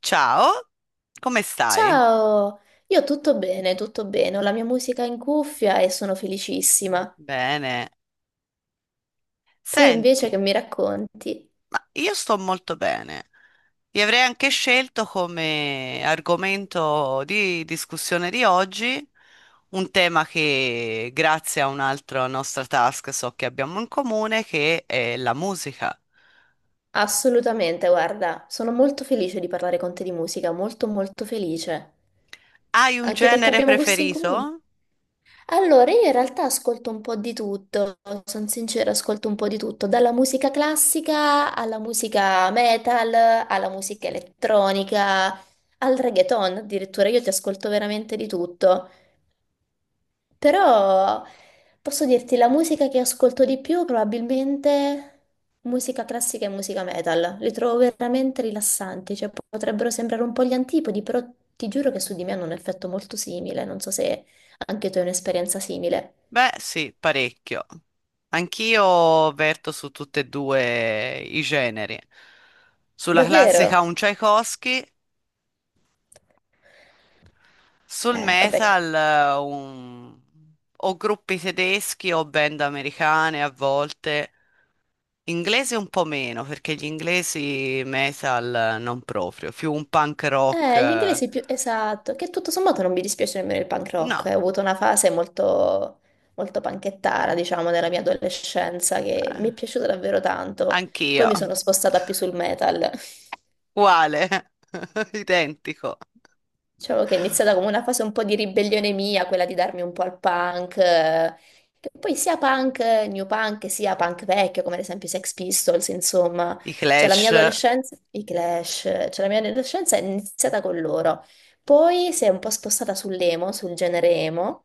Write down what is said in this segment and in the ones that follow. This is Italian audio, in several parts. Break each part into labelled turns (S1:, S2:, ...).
S1: Ciao, come stai?
S2: Ciao, io tutto bene, ho la mia musica in cuffia e sono felicissima.
S1: Bene.
S2: Tu invece
S1: Senti,
S2: che mi racconti?
S1: ma io sto molto bene. Vi avrei anche scelto come argomento di discussione di oggi un tema che, grazie a un'altra nostra task, so che abbiamo in comune, che è la musica.
S2: Assolutamente, guarda, sono molto felice di parlare con te di musica, molto molto felice,
S1: Hai un
S2: anche perché
S1: genere
S2: abbiamo gusti in
S1: preferito?
S2: comune. Allora, io in realtà ascolto un po' di tutto, sono sincera, ascolto un po' di tutto, dalla musica classica alla musica metal, alla musica elettronica, al reggaeton addirittura, io ti ascolto veramente di tutto. Però posso dirti, la musica che ascolto di più probabilmente musica classica e musica metal. Li trovo veramente rilassanti, cioè potrebbero sembrare un po' gli antipodi, però ti giuro che su di me hanno un effetto molto simile. Non so se anche tu hai un'esperienza simile.
S1: Beh, sì, parecchio. Anch'io verto su tutti e due i generi. Sulla classica un
S2: Davvero?
S1: Tchaikovsky. Sul
S2: Vabbè.
S1: metal, o gruppi tedeschi o band americane a volte. Inglese un po' meno, perché gli inglesi metal non proprio, più un punk rock.
S2: Gli inglesi più... Esatto, che tutto sommato non mi dispiace nemmeno il punk rock. Eh.
S1: No,
S2: Ho avuto una fase molto, molto panchettara, diciamo, della mia adolescenza, che mi è
S1: eh,
S2: piaciuta davvero tanto. Poi
S1: anch'io.
S2: mi sono spostata più sul metal.
S1: Uguale, identico.
S2: Diciamo che è iniziata come una fase un po' di ribellione mia, quella di darmi un po' al punk, che poi sia punk, new punk, sia punk vecchio, come ad esempio i Sex Pistols, insomma.
S1: I
S2: Cioè la mia
S1: Clash,
S2: adolescenza, i Clash, cioè la mia adolescenza è iniziata con loro. Poi si è un po' spostata sull'emo, sul genere emo.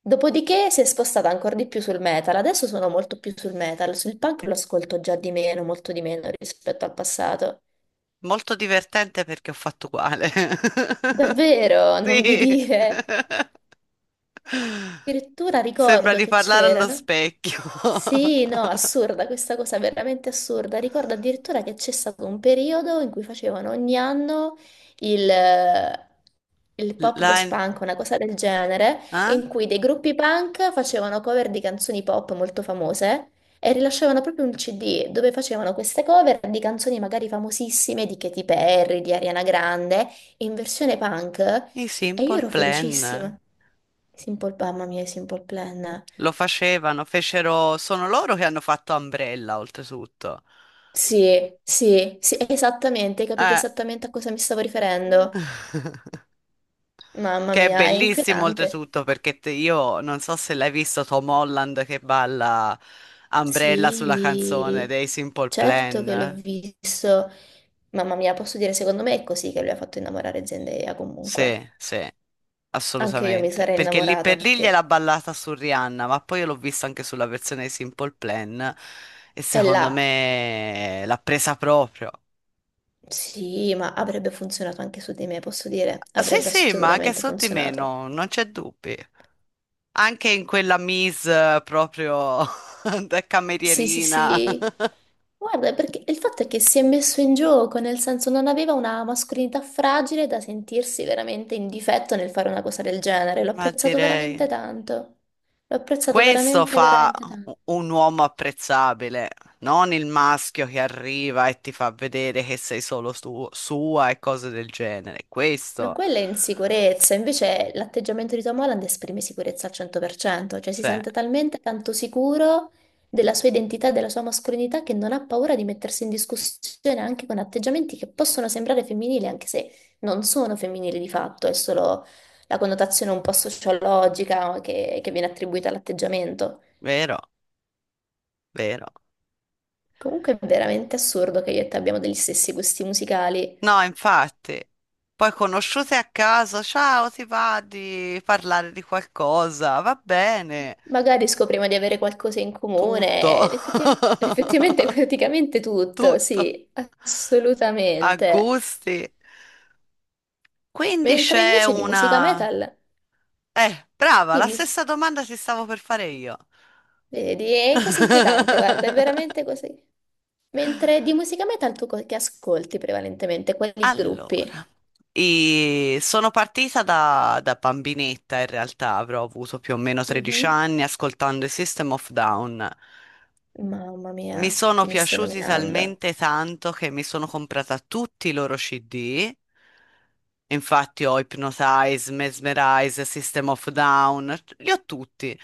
S2: Dopodiché si è spostata ancora di più sul metal. Adesso sono molto più sul metal, sul punk lo ascolto già di meno, molto di meno rispetto al passato.
S1: molto divertente perché ho fatto uguale.
S2: Davvero, non vi
S1: Sì.
S2: dire. Addirittura
S1: Sembra
S2: ricordo
S1: di
S2: che
S1: parlare allo
S2: c'erano.
S1: specchio.
S2: Sì, no, assurda questa cosa, veramente assurda. Ricordo addirittura che c'è stato un periodo in cui facevano ogni anno il, il pop ghost
S1: Line...
S2: punk, una cosa del genere,
S1: Eh?
S2: in cui dei gruppi punk facevano cover di canzoni pop molto famose e rilasciavano proprio un CD dove facevano queste cover di canzoni magari famosissime di Katy Perry, di Ariana Grande, in versione punk.
S1: I
S2: E io
S1: Simple
S2: ero
S1: Plan
S2: felicissima. Simple, mamma mia, Simple Plan.
S1: lo facevano, fecero, sono loro che hanno fatto Umbrella, oltretutto.
S2: Sì, sì, sì, esattamente, hai capito
S1: Eh.
S2: esattamente a cosa mi stavo riferendo. Mamma
S1: Che è
S2: mia, è
S1: bellissimo,
S2: inquietante.
S1: oltretutto, perché io non so se l'hai visto Tom Holland che balla Umbrella sulla canzone
S2: Sì,
S1: dei Simple
S2: certo che l'ho
S1: Plan.
S2: visto. Mamma mia, posso dire, secondo me è così che lui ha fatto innamorare Zendaya
S1: Sì,
S2: comunque.
S1: sì,
S2: Anche io mi
S1: assolutamente.
S2: sarei
S1: Perché lì
S2: innamorata
S1: per lì gliel'ha
S2: perché
S1: ballata su Rihanna, ma poi io l'ho vista anche sulla versione dei Simple Plan e
S2: è
S1: secondo
S2: là.
S1: me l'ha presa proprio.
S2: Sì, ma avrebbe funzionato anche su di me, posso dire,
S1: Sì,
S2: avrebbe
S1: sì, ma anche
S2: assolutamente
S1: su di me
S2: funzionato.
S1: no, non c'è dubbi. Anche in quella mise proprio da
S2: Sì, sì,
S1: camerierina.
S2: sì. Guarda, perché il fatto è che si è messo in gioco, nel senso non aveva una mascolinità fragile da sentirsi veramente in difetto nel fare una cosa del genere. L'ho
S1: Ma
S2: apprezzato
S1: direi,
S2: veramente tanto. L'ho apprezzato
S1: questo
S2: veramente,
S1: fa
S2: veramente tanto.
S1: un uomo apprezzabile, non il maschio che arriva e ti fa vedere che sei solo sua e cose del genere.
S2: Ma
S1: Questo,
S2: quella è insicurezza, invece l'atteggiamento di Tom Holland esprime sicurezza al 100%, cioè si
S1: sì,
S2: sente talmente tanto sicuro della sua identità e della sua mascolinità che non ha paura di mettersi in discussione anche con atteggiamenti che possono sembrare femminili, anche se non sono femminili di fatto, è solo la connotazione un po' sociologica, no, che viene attribuita all'atteggiamento.
S1: vero, vero.
S2: Comunque è veramente assurdo che io e te abbiamo degli stessi gusti musicali.
S1: No, infatti, poi conosciute a caso, ciao, ti va di parlare di qualcosa, va bene.
S2: Magari scopriamo di avere qualcosa in
S1: Tutto,
S2: comune, effettivamente, effettivamente praticamente tutto,
S1: tutto,
S2: sì,
S1: a
S2: assolutamente.
S1: gusti. Quindi
S2: Mentre
S1: c'è
S2: invece di musica
S1: una...
S2: metal,
S1: Brava, la
S2: dimmi,
S1: stessa domanda ti stavo per fare io.
S2: vedi, è quasi inquietante, guarda, è veramente così. Mentre di musica metal tu che ascolti prevalentemente, quali gruppi?
S1: Allora, e sono partita da bambinetta, in realtà avrò avuto più o meno 13
S2: Mhm.
S1: anni ascoltando i System of Down.
S2: Mamma
S1: Mi
S2: mia,
S1: sono
S2: chi mi stai
S1: piaciuti
S2: nominando?
S1: talmente tanto che mi sono comprata tutti i loro CD. Infatti ho Hypnotize, Mesmerize, System of a Down, li ho tutti.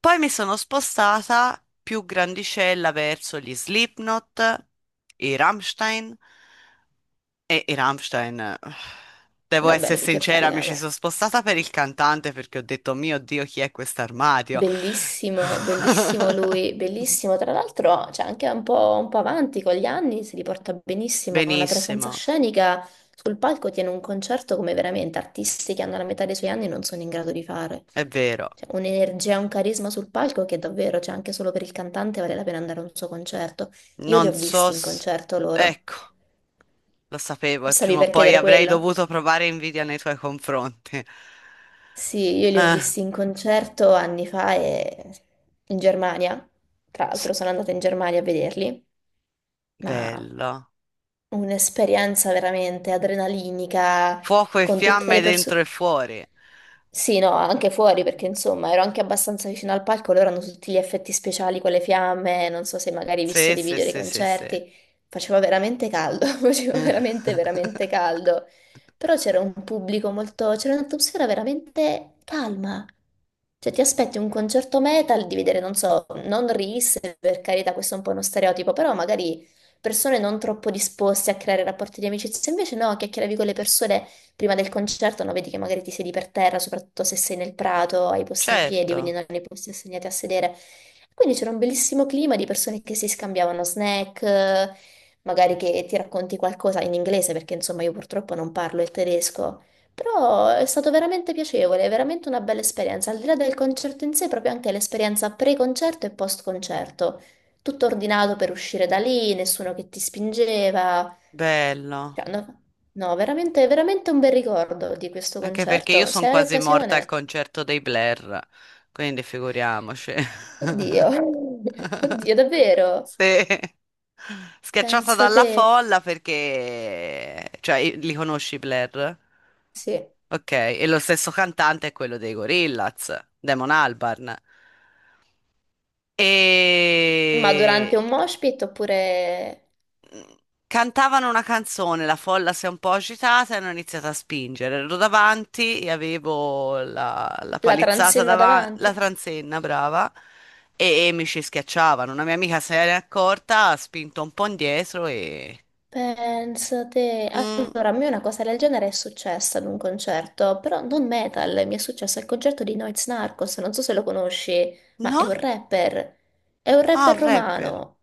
S1: Poi mi sono spostata più grandicella verso gli Slipknot, i Rammstein i Rammstein. Devo essere
S2: Vabbè, di che
S1: sincera, mi ci
S2: parliamo?
S1: sono spostata per il cantante perché ho detto, mio Dio, chi è quest'armadio?
S2: Bellissimo, bellissimo lui, bellissimo. Tra l'altro, cioè, anche un po' avanti con gli anni, si riporta benissimo. Ha una presenza
S1: Benissimo,
S2: scenica sul palco, tiene un concerto come veramente artisti che hanno la metà dei suoi anni non sono in grado di fare.
S1: è vero.
S2: Cioè, un'energia, un carisma sul palco che davvero, cioè, anche solo per il cantante vale la pena andare a un suo concerto. Io li
S1: Non
S2: ho
S1: so
S2: visti in
S1: s-
S2: concerto loro.
S1: Ecco, lo sapevo
S2: Mi
S1: e
S2: stavi
S1: prima o
S2: per
S1: poi
S2: chiedere
S1: avrei
S2: quello?
S1: dovuto provare invidia nei tuoi confronti.
S2: Sì, io li ho
S1: Eh,
S2: visti in concerto anni fa e in Germania. Tra
S1: s-
S2: l'altro sono andata in Germania a vederli, ma
S1: Bello.
S2: un'esperienza veramente adrenalinica
S1: Fuoco e
S2: con tutte
S1: fiamme
S2: le
S1: dentro
S2: persone.
S1: e fuori.
S2: Sì, no, anche fuori perché insomma ero anche abbastanza vicino al palco, loro hanno tutti gli effetti speciali con le fiamme, non so se magari hai visto
S1: Sì,
S2: dei
S1: sì,
S2: video dei
S1: sì, sì, sì.
S2: concerti, faceva veramente caldo, faceva veramente, veramente caldo, però c'era un pubblico molto, c'era un'atmosfera veramente calma, cioè ti aspetti un concerto metal di vedere, non so, non Reels, per carità questo è un po' uno stereotipo, però magari persone non troppo disposte a creare rapporti di amicizia, invece no, chiacchieravi con le persone prima del concerto, no, vedi che magari ti siedi per terra, soprattutto se sei nel prato, hai i posti in piedi, quindi
S1: Certo,
S2: non hai i posti assegnati a sedere. Quindi c'era un bellissimo clima di persone che si scambiavano snack, magari che ti racconti qualcosa in inglese, perché insomma io purtroppo non parlo il tedesco. Però è stato veramente piacevole, è veramente una bella esperienza, al di là del concerto in sé, proprio anche l'esperienza pre-concerto e post-concerto. Tutto ordinato per uscire da lì, nessuno che ti spingeva.
S1: bello.
S2: Cioè, no, no, veramente, veramente un bel ricordo di questo
S1: Anche perché io
S2: concerto. Se
S1: sono
S2: hai
S1: quasi morta al
S2: occasione.
S1: concerto dei Blair, quindi figuriamoci.
S2: Oddio, oddio, davvero?
S1: Sì. Schiacciata
S2: Pensa
S1: dalla
S2: te.
S1: folla perché... Cioè, li conosci i Blair?
S2: Sì.
S1: Ok, e lo stesso cantante è quello dei Gorillaz, Damon Albarn.
S2: Ma
S1: E
S2: durante un mosh pit oppure
S1: cantavano una canzone, la folla si è un po' agitata e hanno iniziato a spingere. Ero davanti e avevo la
S2: la
S1: palizzata
S2: transenna
S1: davanti, la
S2: davanti?
S1: transenna, brava, e mi ci schiacciavano. Una mia amica se n'è accorta, ha spinto un po' indietro e...
S2: Pensate,
S1: Mm,
S2: allora a me una cosa del genere è successa ad un concerto, però non metal, mi è successo al concerto di Noyz Narcos, non so se lo conosci, ma
S1: no?
S2: è un
S1: Ah,
S2: rapper
S1: un rapper.
S2: romano,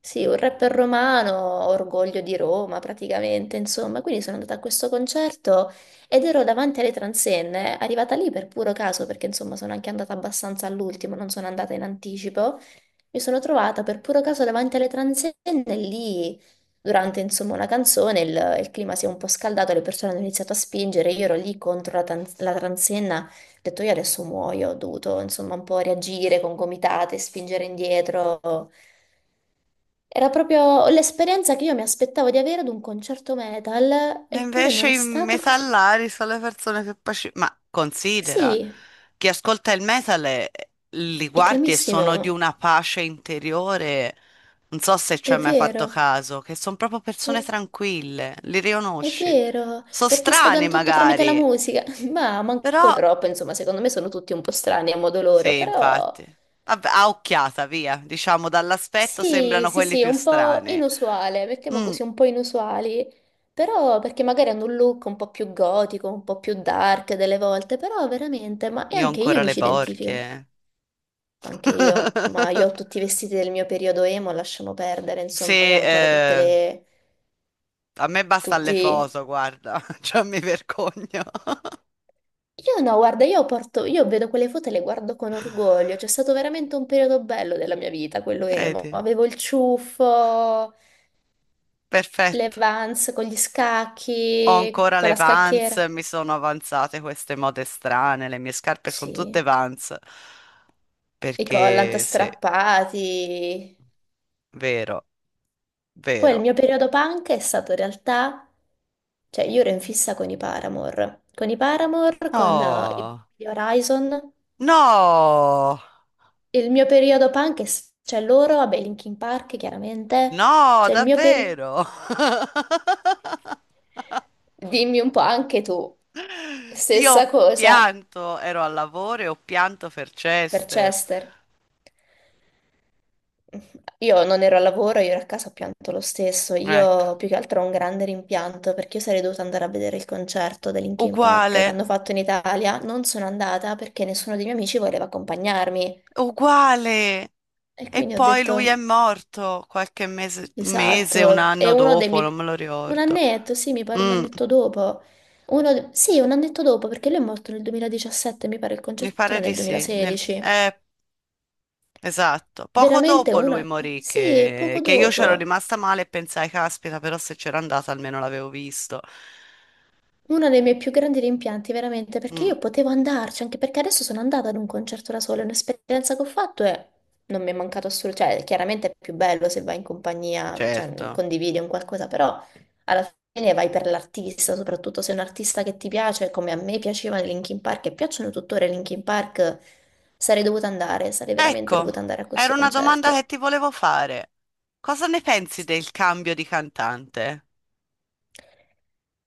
S2: sì, un rapper romano, orgoglio di Roma praticamente, insomma, quindi sono andata a questo concerto ed ero davanti alle transenne, arrivata lì per puro caso, perché insomma sono anche andata abbastanza all'ultimo, non sono andata in anticipo, mi sono trovata per puro caso davanti alle transenne lì durante insomma una canzone il clima si è un po' scaldato, le persone hanno iniziato a spingere, io ero lì contro la transenna, ho detto io adesso muoio, ho dovuto insomma un po' reagire con gomitate, spingere indietro. Era proprio l'esperienza che io mi aspettavo di avere ad un concerto metal,
S1: E
S2: eppure
S1: invece
S2: non è
S1: i
S2: stato così.
S1: mesallari sono le persone che Ma considera,
S2: Sì,
S1: chi ascolta il metal li
S2: è
S1: guardi e sono di
S2: calmissimo,
S1: una pace interiore. Non so se ci hai
S2: è
S1: mai fatto
S2: vero.
S1: caso, che sono proprio persone
S2: Oh,
S1: tranquille, li
S2: è
S1: riconosci.
S2: vero,
S1: Sono
S2: perché sfogano
S1: strani
S2: tutto tramite la
S1: magari,
S2: musica, ma manco
S1: però
S2: troppo, insomma, secondo me sono tutti un po' strani a modo loro,
S1: sì,
S2: però...
S1: infatti. Vabbè, a occhiata, via. Diciamo, dall'aspetto
S2: Sì,
S1: sembrano
S2: sì,
S1: quelli
S2: sì,
S1: più
S2: un po'
S1: strani.
S2: inusuale, mettiamo
S1: Mm,
S2: così, un po' inusuali, però perché magari hanno un look un po' più gotico, un po' più dark delle volte, però veramente, ma e
S1: io ho
S2: anche io
S1: ancora
S2: mi
S1: le
S2: ci identifico,
S1: borchie.
S2: anche io, ma io ho tutti i vestiti del mio periodo emo, lasciamo perdere,
S1: Se,
S2: insomma, io ho ancora tutte le,
S1: A me basta
S2: tutti...
S1: Allefoso, guarda, cioè mi vergogno.
S2: Io no, guarda, io porto, io vedo quelle foto e le guardo con orgoglio, c'è stato veramente un periodo bello della mia vita, quello emo,
S1: Vedi?
S2: avevo il ciuffo... le
S1: Perfetto.
S2: Vans con gli
S1: Ho
S2: scacchi,
S1: ancora
S2: con
S1: le
S2: la
S1: Vans,
S2: scacchiera.
S1: mi sono avanzate queste mode strane, le mie scarpe sono tutte
S2: Sì,
S1: Vans.
S2: i collant
S1: Perché sì,
S2: strappati.
S1: vero,
S2: Poi il
S1: vero.
S2: mio periodo punk è stato in realtà, cioè io ero in fissa con i Paramore, con i Paramore, con i
S1: No,
S2: gli Horizon.
S1: no,
S2: Il mio periodo punk, è cioè loro, vabbè, Linkin Park chiaramente,
S1: no,
S2: cioè il mio periodo...
S1: davvero.
S2: Dimmi un po' anche tu,
S1: Io
S2: stessa
S1: ho
S2: cosa
S1: pianto, ero al lavoro e ho pianto per
S2: per
S1: Chester.
S2: Chester. Io non ero al lavoro, io ero a casa, ho pianto lo stesso.
S1: Ecco,
S2: Io più che altro ho un grande rimpianto perché io sarei dovuta andare a vedere il concerto dei Linkin Park che
S1: uguale.
S2: hanno fatto in Italia. Non sono andata perché nessuno dei miei amici voleva accompagnarmi.
S1: Uguale.
S2: E
S1: E
S2: quindi ho
S1: poi lui è
S2: detto,
S1: morto qualche mese, mese, un
S2: esatto, è
S1: anno
S2: uno dei
S1: dopo, non
S2: miei...
S1: me lo
S2: Un
S1: ricordo.
S2: annetto, sì, mi pare un
S1: Mm,
S2: annetto dopo. Uno... Sì, un annetto dopo perché lui è morto nel 2017, mi pare il
S1: mi
S2: concerto
S1: pare
S2: era
S1: di
S2: nel
S1: sì.
S2: 2016.
S1: Esatto. Poco
S2: Veramente
S1: dopo lui
S2: uno...
S1: morì,
S2: Sì,
S1: che,
S2: poco
S1: che io c'ero
S2: dopo.
S1: rimasta male e pensai, caspita, però se c'era andata almeno l'avevo visto.
S2: Uno dei miei più grandi rimpianti, veramente, perché
S1: Mm,
S2: io potevo andarci, anche perché adesso sono andata ad un concerto da sola, è un'esperienza che ho fatto e non mi è mancato assolutamente, cioè chiaramente è più bello se vai in compagnia, cioè
S1: certo.
S2: condividi un qualcosa, però alla fine vai per l'artista, soprattutto se è un artista che ti piace, come a me piaceva Linkin Park e piacciono tuttora i Linkin Park, sarei dovuta andare, sarei veramente
S1: Ecco,
S2: dovuta andare a
S1: era
S2: questo
S1: una domanda che
S2: concerto.
S1: ti volevo fare. Cosa ne pensi del cambio di cantante?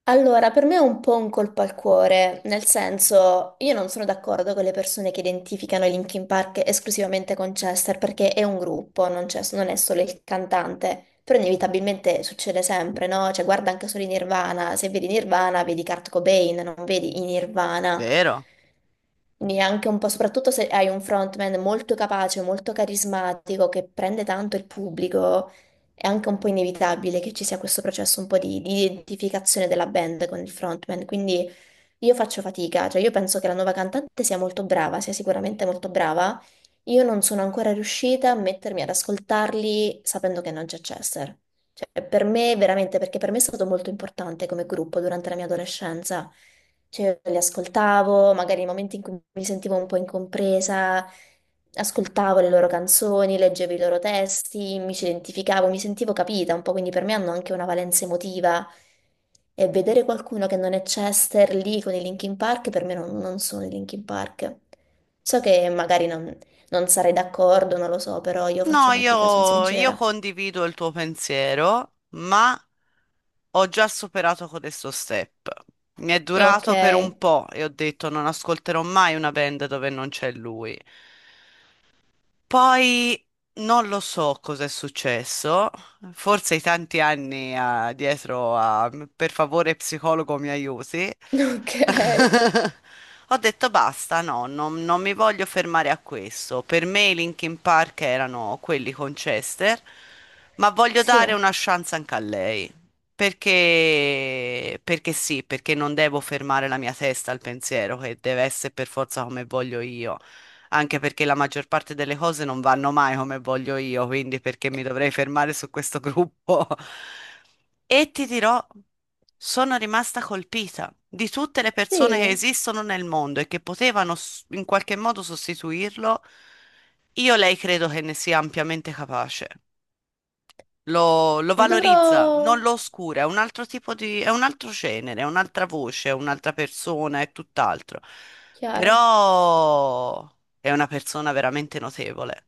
S2: Allora, per me è un po' un colpo al cuore, nel senso, io non sono d'accordo con le persone che identificano i Linkin Park esclusivamente con Chester, perché è un gruppo, non è solo il cantante, però inevitabilmente succede sempre, no? Cioè, guarda anche solo i Nirvana, se vedi Nirvana vedi Kurt Cobain, non vedi i Nirvana.
S1: Vero?
S2: Neanche un po', soprattutto se hai un frontman molto capace, molto carismatico, che prende tanto il pubblico, è anche un po' inevitabile che ci sia questo processo un po' di identificazione della band con il frontman, quindi io faccio fatica, cioè io penso che la nuova cantante sia molto brava, sia sicuramente molto brava, io non sono ancora riuscita a mettermi ad ascoltarli sapendo che non c'è Chester. Cioè, per me, veramente, perché per me è stato molto importante come gruppo durante la mia adolescenza. Cioè, li ascoltavo, magari nei momenti in cui mi sentivo un po' incompresa, ascoltavo le loro canzoni, leggevo i loro testi, mi ci identificavo, mi sentivo capita un po', quindi per me hanno anche una valenza emotiva. E vedere qualcuno che non è Chester lì con i Linkin Park, per me non sono i Linkin Park. So che magari non, non sarei d'accordo, non lo so, però io
S1: No,
S2: faccio fatica, sono
S1: io
S2: sincera.
S1: condivido il tuo pensiero, ma ho già superato questo step. Mi è
S2: Ok,
S1: durato per un po' e ho detto non ascolterò mai una band dove non c'è lui. Poi non lo so cosa è successo, forse i tanti anni dietro a per favore psicologo mi aiuti.
S2: ok,
S1: Ho detto basta, no, non mi voglio fermare a questo. Per me i Linkin Park erano quelli con Chester, ma voglio
S2: sì,
S1: dare una chance anche a lei. Perché sì, perché non devo fermare la mia testa al pensiero che deve essere per forza come voglio io, anche perché la maggior parte delle cose non vanno mai come voglio io, quindi perché mi dovrei fermare su questo gruppo? E ti dirò, sono rimasta colpita di tutte le persone che
S2: sì,
S1: esistono nel mondo e che potevano in qualche modo sostituirlo. Io lei credo che ne sia ampiamente capace, lo
S2: dovrò...
S1: valorizza, non lo oscura, è un altro tipo di, è un altro genere, è un'altra voce, è un'altra persona, è tutt'altro.
S2: Chiaro.
S1: Però è una persona veramente notevole.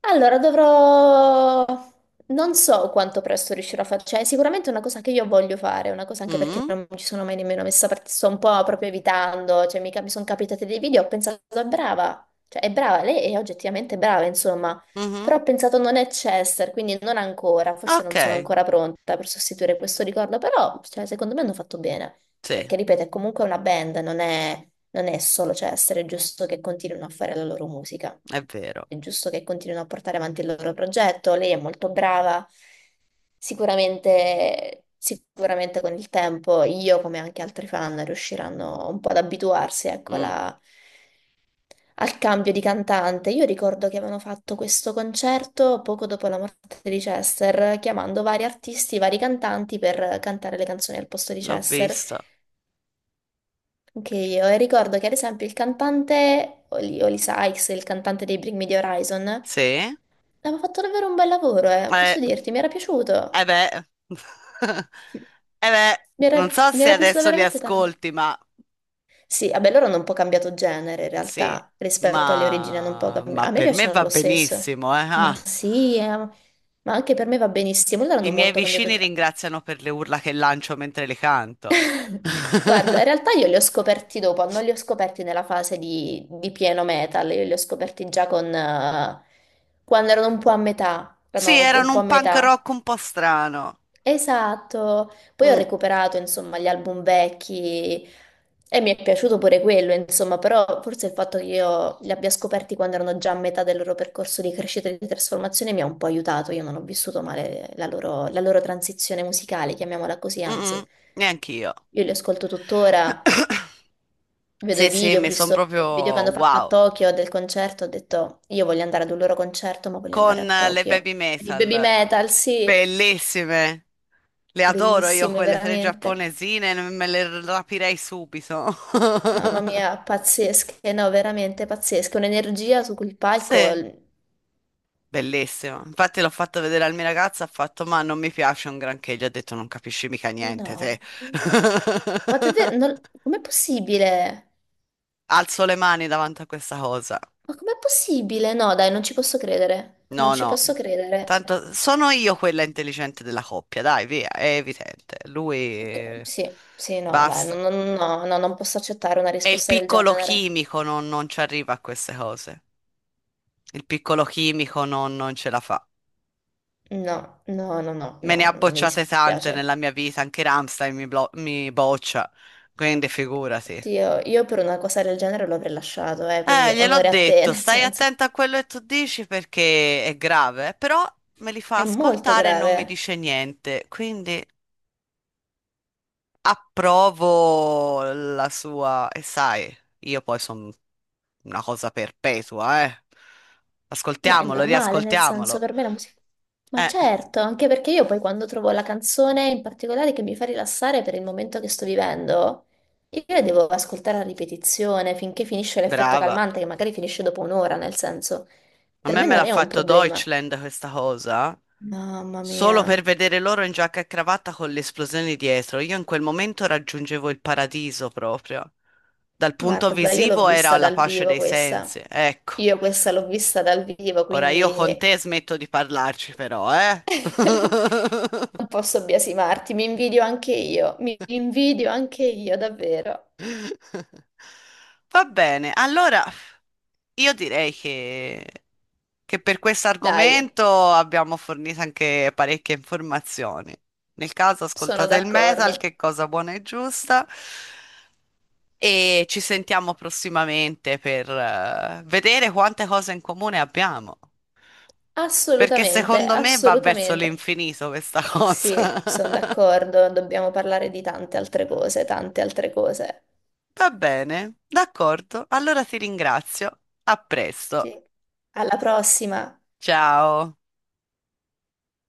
S2: Allora, dovrò... Non so quanto presto riuscirò a fare, cioè è sicuramente una cosa che io voglio fare, una cosa anche perché
S1: Mm,
S2: non ci sono mai nemmeno messa, perché sto un po' proprio evitando, cioè mi, mi sono capitate dei video, ho pensato è brava, cioè è brava, lei è oggettivamente brava, insomma, però
S1: mhm.
S2: ho pensato non è Chester, quindi non ancora, forse
S1: Ok,
S2: non sono ancora pronta per sostituire questo ricordo, però cioè, secondo me hanno fatto bene.
S1: sì,
S2: Perché, ripeto, è comunque una band, non è solo, cioè, essere giusto che continuino a fare la loro musica.
S1: è vero.
S2: È giusto che continuino a portare avanti il loro progetto. Lei è molto brava. Sicuramente, sicuramente con il tempo io, come anche altri fan, riusciranno un po' ad abituarsi, ecco,
S1: Mm,
S2: alla- al cambio di cantante. Io ricordo che avevano fatto questo concerto poco dopo la morte di Chester, chiamando vari artisti, vari cantanti per cantare le canzoni al posto di
S1: L'ho
S2: Chester.
S1: visto.
S2: Anche io, e ricordo che ad esempio il cantante, Oli Sykes, il cantante dei Bring Me The Horizon,
S1: Sì. Eh,
S2: aveva fatto davvero un bel lavoro, posso dirti, mi era piaciuto.
S1: eh beh. Eh beh,
S2: Mi era,
S1: non so
S2: mi
S1: se
S2: era piaciuto
S1: adesso li
S2: veramente tanto.
S1: ascolti, ma
S2: Sì, vabbè, loro hanno un po' cambiato genere in
S1: sì,
S2: realtà rispetto alle origini, hanno un po'
S1: ma
S2: cambiato. A me
S1: per me
S2: piacciono
S1: va
S2: lo stesso.
S1: benissimo, eh.
S2: Ma
S1: Ah.
S2: sì, ma anche per me va benissimo. Loro
S1: I
S2: hanno
S1: miei
S2: molto cambiato
S1: vicini
S2: genere.
S1: ringraziano per le urla che lancio mentre le canto.
S2: Guarda, in realtà io li ho scoperti dopo, non li ho scoperti nella fase di pieno metal, io li ho scoperti già con, quando erano un po' a metà,
S1: Sì,
S2: erano anche un
S1: erano
S2: po' a
S1: un punk
S2: metà.
S1: rock un po' strano.
S2: Esatto, poi ho
S1: Mm,
S2: recuperato insomma gli album vecchi e mi è piaciuto pure quello, insomma, però forse il fatto che io li abbia scoperti quando erano già a metà del loro percorso di crescita e di trasformazione mi ha un po' aiutato, io non ho vissuto male la loro transizione musicale, chiamiamola così,
S1: mm,
S2: anzi.
S1: mm, neanch'io.
S2: Io li ascolto tuttora. Vedo i
S1: Sì, sì,
S2: video, ho
S1: mi sono
S2: visto
S1: proprio
S2: il video che hanno fatto a
S1: wow.
S2: Tokyo del concerto, ho detto io voglio andare ad un loro concerto, ma voglio andare
S1: Con
S2: a
S1: le
S2: Tokyo.
S1: baby
S2: I Baby
S1: metal,
S2: Metal, sì,
S1: bellissime. Le adoro io
S2: bellissime
S1: quelle tre
S2: veramente.
S1: giapponesine, me le rapirei subito.
S2: Mamma mia, pazzesche, no, veramente pazzesche. Un'energia su quel palco,
S1: Sì.
S2: l-
S1: Bellissimo. Infatti l'ho fatto vedere al mia ragazza, ha fatto, ma non mi piace un granché, gli ho detto, non capisci mica niente
S2: no.
S1: te.
S2: Ma davvero, non- com'è possibile?
S1: Alzo le mani davanti a questa cosa.
S2: Ma com'è possibile? No, dai, non ci posso credere. Non
S1: No,
S2: ci
S1: no.
S2: posso credere.
S1: Tanto sono io quella intelligente della coppia, dai, via, è evidente. Lui
S2: Che- Sì, sì, no, dai, no,
S1: basta.
S2: no, no, no, non posso accettare una
S1: E il
S2: risposta del
S1: piccolo
S2: genere.
S1: chimico non ci arriva a queste cose. Il piccolo chimico non ce la fa.
S2: No, no, no, no,
S1: Me ne
S2: no,
S1: ha
S2: no, no, mi
S1: bocciate tante
S2: dispiace.
S1: nella mia vita, anche Rammstein mi boccia, quindi figurati.
S2: Oddio, io per una cosa del genere lo avrei lasciato, quindi
S1: Gliel'ho
S2: onore a te,
S1: detto,
S2: nel
S1: stai
S2: senso.
S1: attenta a quello che tu dici perché è grave, però me li fa
S2: È molto
S1: ascoltare e non mi
S2: grave,
S1: dice niente, quindi approvo la sua, e sai, io poi sono una cosa perpetua, eh.
S2: ma è
S1: Ascoltiamolo,
S2: normale, nel senso,
S1: riascoltiamolo.
S2: per me la musica... Ma
S1: Eh,
S2: certo, anche perché io poi quando trovo la canzone in particolare che mi fa rilassare per il momento che sto vivendo, io la devo ascoltare a ripetizione finché finisce l'effetto
S1: brava.
S2: calmante, che magari finisce dopo un'ora, nel senso.
S1: A
S2: Per
S1: me
S2: me
S1: me
S2: non
S1: l'ha
S2: è un
S1: fatto
S2: problema.
S1: Deutschland questa cosa,
S2: Mamma mia.
S1: solo per vedere loro in giacca e cravatta con le esplosioni dietro. Io in quel momento raggiungevo il paradiso proprio. Dal punto
S2: Guarda, io l'ho
S1: visivo era
S2: vista
S1: la
S2: dal
S1: pace
S2: vivo
S1: dei
S2: questa.
S1: sensi. Ecco,
S2: Io questa l'ho vista dal vivo,
S1: ora io
S2: quindi
S1: con te smetto di parlarci però, eh?
S2: non posso biasimarti. Mi invidio anche io, davvero.
S1: Va bene, allora io direi che per questo
S2: Dai,
S1: argomento abbiamo fornito anche parecchie informazioni. Nel caso
S2: sono
S1: ascoltate il metal, che
S2: d'accordo.
S1: è cosa buona e giusta, e ci sentiamo prossimamente per vedere quante cose in comune abbiamo, perché
S2: Assolutamente,
S1: secondo me va verso
S2: assolutamente.
S1: l'infinito questa cosa.
S2: Sì, sono d'accordo. Dobbiamo parlare di tante altre cose, tante altre cose.
S1: Va bene, d'accordo, allora ti ringrazio, a presto,
S2: Sì. Alla prossima.
S1: ciao.